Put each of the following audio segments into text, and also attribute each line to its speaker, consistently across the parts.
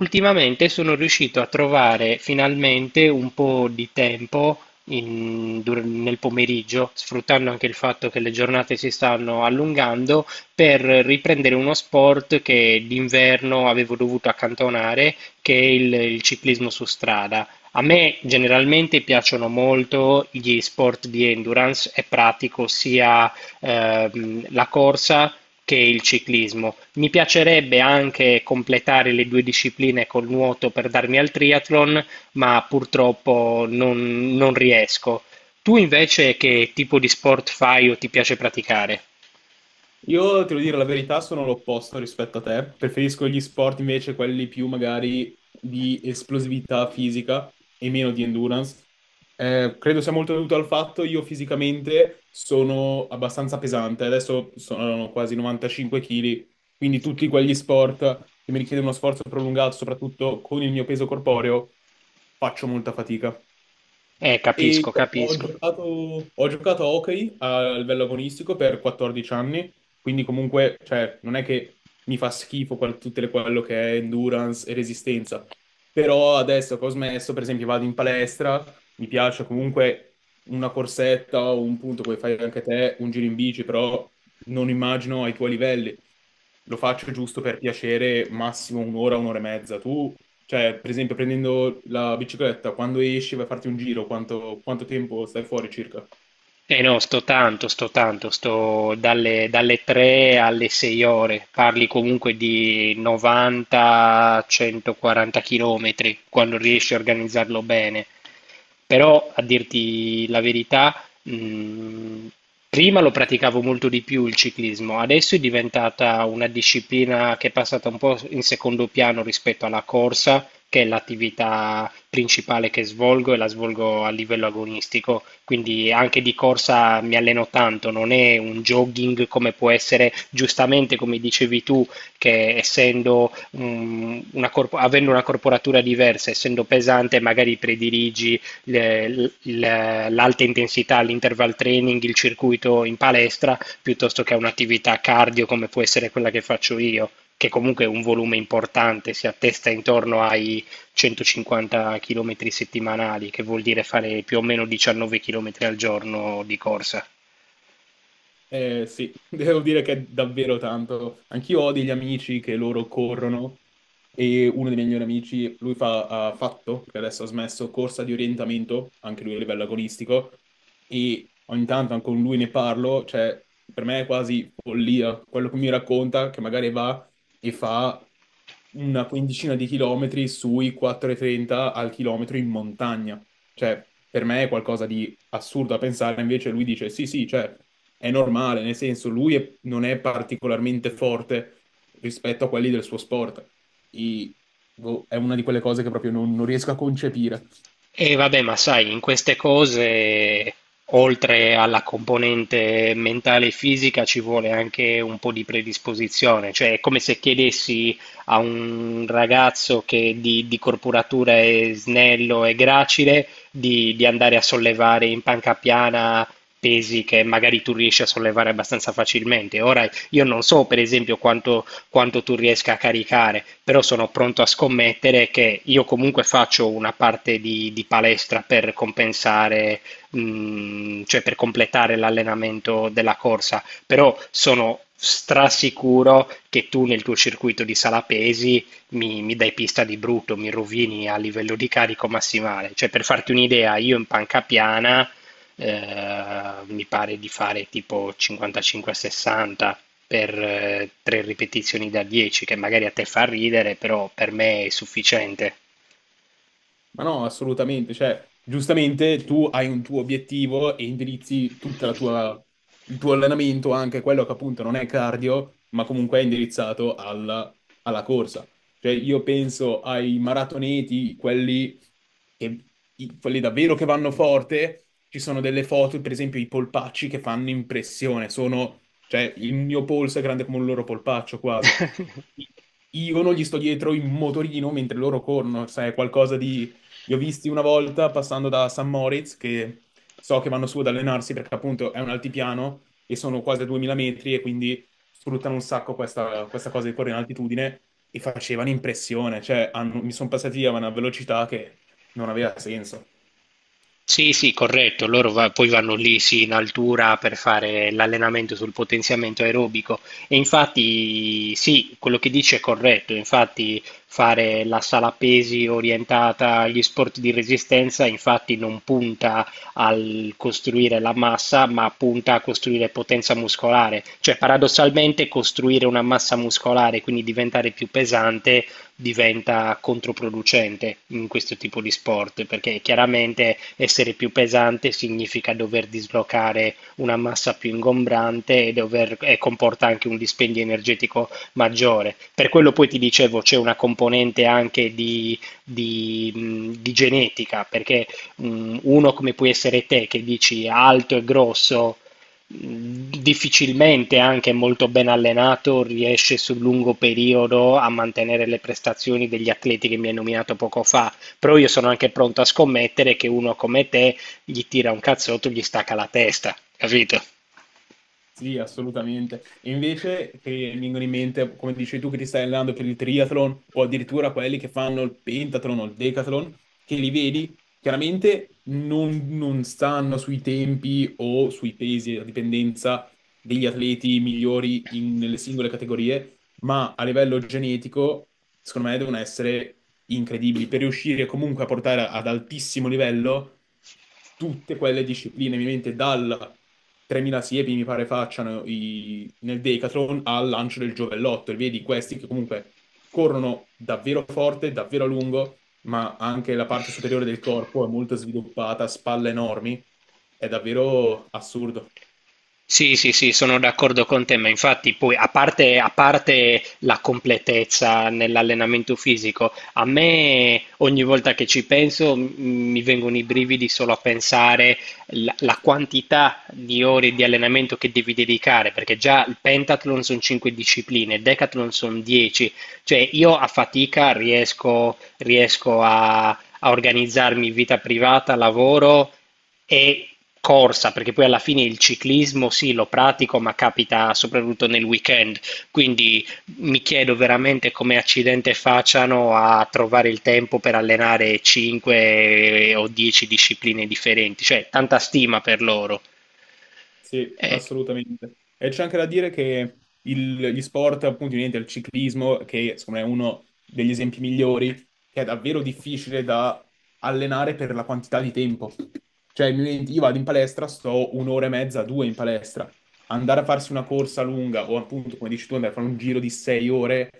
Speaker 1: Ultimamente sono riuscito a trovare finalmente un po' di tempo nel pomeriggio, sfruttando anche il fatto che le giornate si stanno allungando, per riprendere uno sport che d'inverno avevo dovuto accantonare, che è il ciclismo su strada. A me generalmente piacciono molto gli sport di endurance e pratico sia la corsa che il ciclismo. Mi piacerebbe anche completare le due discipline col nuoto per darmi al triathlon, ma purtroppo non riesco. Tu invece che tipo di sport fai o ti piace praticare?
Speaker 2: Io, te lo dire la verità, sono l'opposto rispetto a te. Preferisco gli sport invece quelli più magari di esplosività fisica e meno di endurance. Credo sia molto dovuto al fatto io fisicamente sono abbastanza pesante. Adesso sono quasi 95 kg, quindi tutti quegli sport che mi richiedono uno sforzo prolungato, soprattutto con il mio peso corporeo, faccio molta fatica. E
Speaker 1: Capisco, capisco.
Speaker 2: ho giocato a hockey a livello agonistico per 14 anni, quindi comunque, cioè, non è che mi fa schifo quel- tutte le- quello che è endurance e resistenza, però adesso che ho smesso, per esempio, vado in palestra, mi piace comunque una corsetta o un punto, come fai anche te, un giro in bici, però non immagino ai tuoi livelli. Lo faccio giusto per piacere, massimo un'ora, un'ora e mezza. Tu, cioè, per esempio, prendendo la bicicletta, quando esci vai a farti un giro, quanto tempo stai fuori circa?
Speaker 1: Eh no, sto tanto, sto tanto, sto dalle 3 alle 6 ore, parli comunque di 90-140 km quando riesci a organizzarlo bene. Però a dirti la verità, mh, prima lo praticavo molto di più il ciclismo, adesso è diventata una disciplina che è passata un po' in secondo piano rispetto alla corsa, che è l'attività principale che svolgo e la svolgo a livello agonistico, quindi anche di corsa mi alleno tanto, non è un jogging come può essere giustamente come dicevi tu, che essendo avendo una corporatura diversa, essendo pesante, magari prediligi l'alta intensità, l'interval training, il circuito in palestra, piuttosto che a un'attività cardio come può essere quella che faccio io, che comunque è un volume importante, si attesta intorno ai 150 chilometri settimanali, che vuol dire fare più o meno 19 chilometri al giorno di corsa.
Speaker 2: Sì, devo dire che è davvero tanto. Anch'io ho degli amici che loro corrono e uno dei miei migliori amici, lui fa, ha fatto, perché adesso ha smesso, corsa di orientamento, anche lui a livello agonistico, e ogni tanto anche con lui ne parlo, cioè per me è quasi follia quello che mi racconta, che magari va e fa una quindicina di chilometri sui 4,30 al chilometro in montagna. Cioè, per me è qualcosa di assurdo a pensare, invece lui dice sì, sì, cioè è normale, nel senso lui è- non è particolarmente forte rispetto a quelli del suo sport. I- boh, è una di quelle cose che proprio non riesco a concepire.
Speaker 1: E vabbè, ma sai, in queste cose, oltre alla componente mentale e fisica, ci vuole anche un po' di predisposizione. Cioè, è come se chiedessi a un ragazzo che di corporatura è snello e gracile di andare a sollevare in panca piana pesi che magari tu riesci a sollevare abbastanza facilmente. Ora, io non so, per esempio, quanto tu riesca a caricare, però sono pronto a scommettere che io comunque faccio una parte di palestra per compensare, cioè per completare l'allenamento della corsa, però sono strasicuro che tu nel tuo circuito di sala pesi mi dai pista di brutto, mi rovini a livello di carico massimale. Cioè, per farti un'idea, io in panca piana mi pare di fare tipo 55-60 per tre ripetizioni da 10, che magari a te fa ridere, però per me è sufficiente.
Speaker 2: Ma no, assolutamente, cioè, giustamente tu hai un tuo obiettivo e indirizzi tutta la tua, il tuo allenamento, anche quello che appunto non è cardio, ma comunque è indirizzato alla, alla corsa. Cioè, io penso ai maratoneti, quelli, che, i- quelli davvero che vanno forte, ci sono delle foto, per esempio i polpacci che fanno impressione, sono, cioè, il mio polso è grande come un loro polpaccio quasi. Io non gli sto dietro in motorino mentre loro corrono, sai, è qualcosa di li ho visti una volta passando da San Moritz, che so che vanno su ad allenarsi perché appunto è un altipiano e sono quasi a 2000 metri e quindi sfruttano un sacco questa cosa di correre in altitudine e facevano impressione, cioè hanno- mi sono passati a una velocità che non aveva senso.
Speaker 1: Sì, sì, corretto. Loro poi vanno lì, sì, in altura per fare l'allenamento sul potenziamento aerobico. E infatti, sì, quello che dice è corretto. Infatti, fare la sala pesi orientata agli sport di resistenza, infatti, non punta al costruire la massa, ma punta a costruire potenza muscolare. Cioè, paradossalmente, costruire una massa muscolare, quindi diventare più pesante diventa controproducente in questo tipo di sport, perché chiaramente essere più pesante significa dover dislocare una massa più ingombrante e, e comporta anche un dispendio energetico maggiore. Per quello poi ti dicevo c'è una componente anche di, di genetica, perché uno come puoi essere te che dici alto e grosso difficilmente, anche molto ben allenato, riesce sul lungo periodo a mantenere le prestazioni degli atleti che mi hai nominato poco fa. Però io sono anche pronto a scommettere che uno come te gli tira un cazzotto e gli stacca la testa, capito?
Speaker 2: Sì, assolutamente. E invece che mi vengono in mente, come dici tu, che ti stai allenando per il triathlon o addirittura quelli che fanno il pentathlon o il decathlon, che li vedi, chiaramente non stanno sui tempi o sui pesi, a dipendenza degli atleti migliori in- nelle singole categorie, ma a livello genetico, secondo me, devono essere incredibili per riuscire comunque a portare ad altissimo livello tutte quelle discipline, ovviamente dalla 3.000 siepi mi pare facciano i- nel Decathlon al lancio del giovellotto e vedi questi che comunque corrono davvero forte, davvero a lungo, ma anche la parte superiore del corpo è molto sviluppata, spalle enormi, è davvero assurdo.
Speaker 1: Sì, sì, sì, sono d'accordo con te, ma infatti poi a parte la completezza nell'allenamento fisico, a me ogni volta che ci penso mi vengono i brividi solo a pensare la quantità di ore di allenamento che devi dedicare, perché già il pentathlon sono 5 discipline, il decathlon sono 10, cioè io a fatica riesco a organizzarmi vita privata, lavoro e corsa, perché poi alla fine il ciclismo sì, lo pratico, ma capita soprattutto nel weekend, quindi mi chiedo veramente come accidente facciano a trovare il tempo per allenare 5 o 10 discipline differenti, cioè tanta stima per loro.
Speaker 2: Sì,
Speaker 1: Eh,
Speaker 2: assolutamente. E c'è anche da dire che il- gli sport, appunto, niente, il ciclismo, che secondo me è uno degli esempi migliori, che è davvero difficile da allenare per la quantità di tempo. Cioè, mi metti- io vado in palestra, sto un'ora e mezza, due in palestra. Andare a farsi una corsa lunga o appunto, come dici tu, andare a fare un giro di 6 ore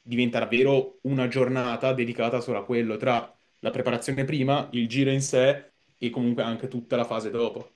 Speaker 2: diventa davvero una giornata dedicata solo a quello, tra la preparazione prima, il giro in sé e comunque anche tutta la fase dopo.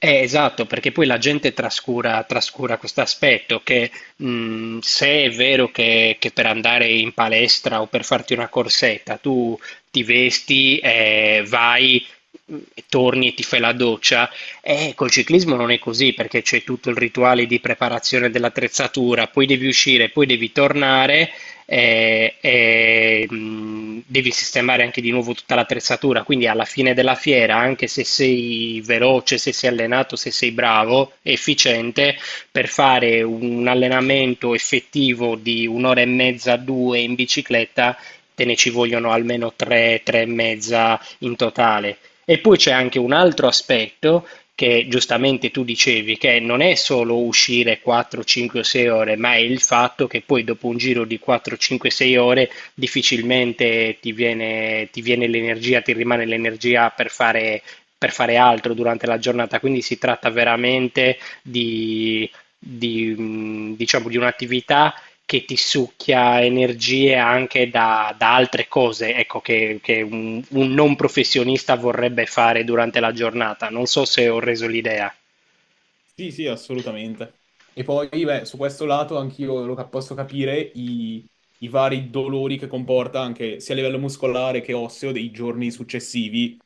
Speaker 1: Esatto, perché poi la gente trascura, trascura questo aspetto che se è vero che per andare in palestra o per farti una corsetta tu ti vesti, vai, e torni e ti fai la doccia, col ciclismo non è così perché c'è tutto il rituale di preparazione dell'attrezzatura, poi devi uscire, poi devi tornare e, devi sistemare anche di nuovo tutta l'attrezzatura. Quindi alla fine della fiera, anche se sei veloce, se sei allenato, se sei bravo, efficiente, per fare un allenamento effettivo di un'ora e mezza, due in bicicletta, te ne ci vogliono almeno tre, tre e mezza in totale. E poi c'è anche un altro aspetto che giustamente tu dicevi, che non è solo uscire 4, 5 o 6 ore, ma è il fatto che poi dopo un giro di 4, 5, 6 ore difficilmente ti viene l'energia, ti rimane l'energia per fare altro durante la giornata. Quindi si tratta veramente di, di, diciamo, di un'attività che ti succhia energie anche da altre cose, ecco, che un non professionista vorrebbe fare durante la giornata. Non so se ho reso l'idea.
Speaker 2: Sì, sì, assolutamente. E poi, beh, su questo lato anch'io lo cap- posso capire i vari dolori che comporta anche sia a livello muscolare che osseo dei giorni successivi.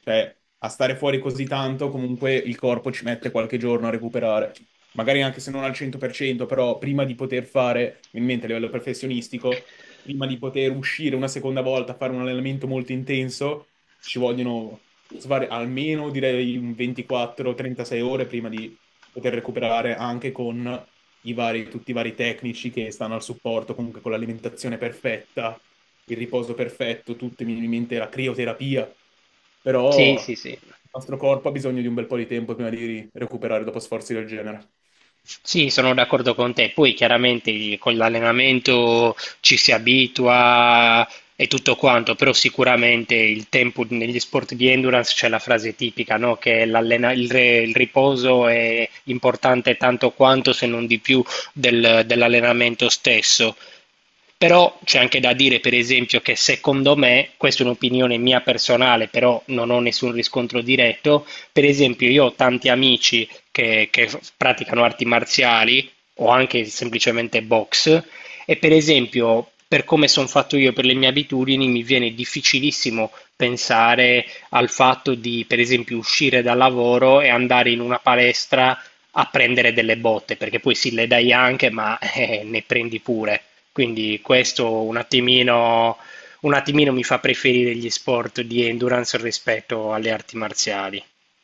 Speaker 2: Cioè, a stare fuori così tanto, comunque il corpo ci mette qualche giorno a recuperare. Magari anche se non al 100%, però prima di poter fare, in mente a livello professionistico, prima di poter uscire una seconda volta a fare un allenamento molto intenso, ci vogliono svari- almeno direi un 24-36 ore prima di poter recuperare anche con i vari, tutti i vari tecnici che stanno al supporto, comunque con l'alimentazione perfetta, il riposo perfetto, tutto, mi viene in mente la crioterapia,
Speaker 1: Sì,
Speaker 2: però
Speaker 1: sì, sì.
Speaker 2: il nostro corpo ha bisogno di un bel po' di tempo prima di recuperare dopo sforzi del genere.
Speaker 1: Sì, sono d'accordo con te. Poi chiaramente con l'allenamento ci si abitua e tutto quanto, però sicuramente il tempo negli sport di endurance c'è la frase tipica, no? Che il riposo è importante tanto quanto, se non di più, dell'allenamento stesso. Però c'è anche da dire, per esempio, che secondo me, questa è un'opinione mia personale, però non ho nessun riscontro diretto, per esempio io ho tanti amici che praticano arti marziali o anche semplicemente box e per esempio, per come sono fatto io, per le mie abitudini, mi viene difficilissimo pensare al fatto di, per esempio, uscire dal lavoro e andare in una palestra a prendere delle botte, perché poi sì, le dai anche, ma ne prendi pure. Quindi questo un attimino mi fa preferire gli sport di endurance rispetto alle arti marziali.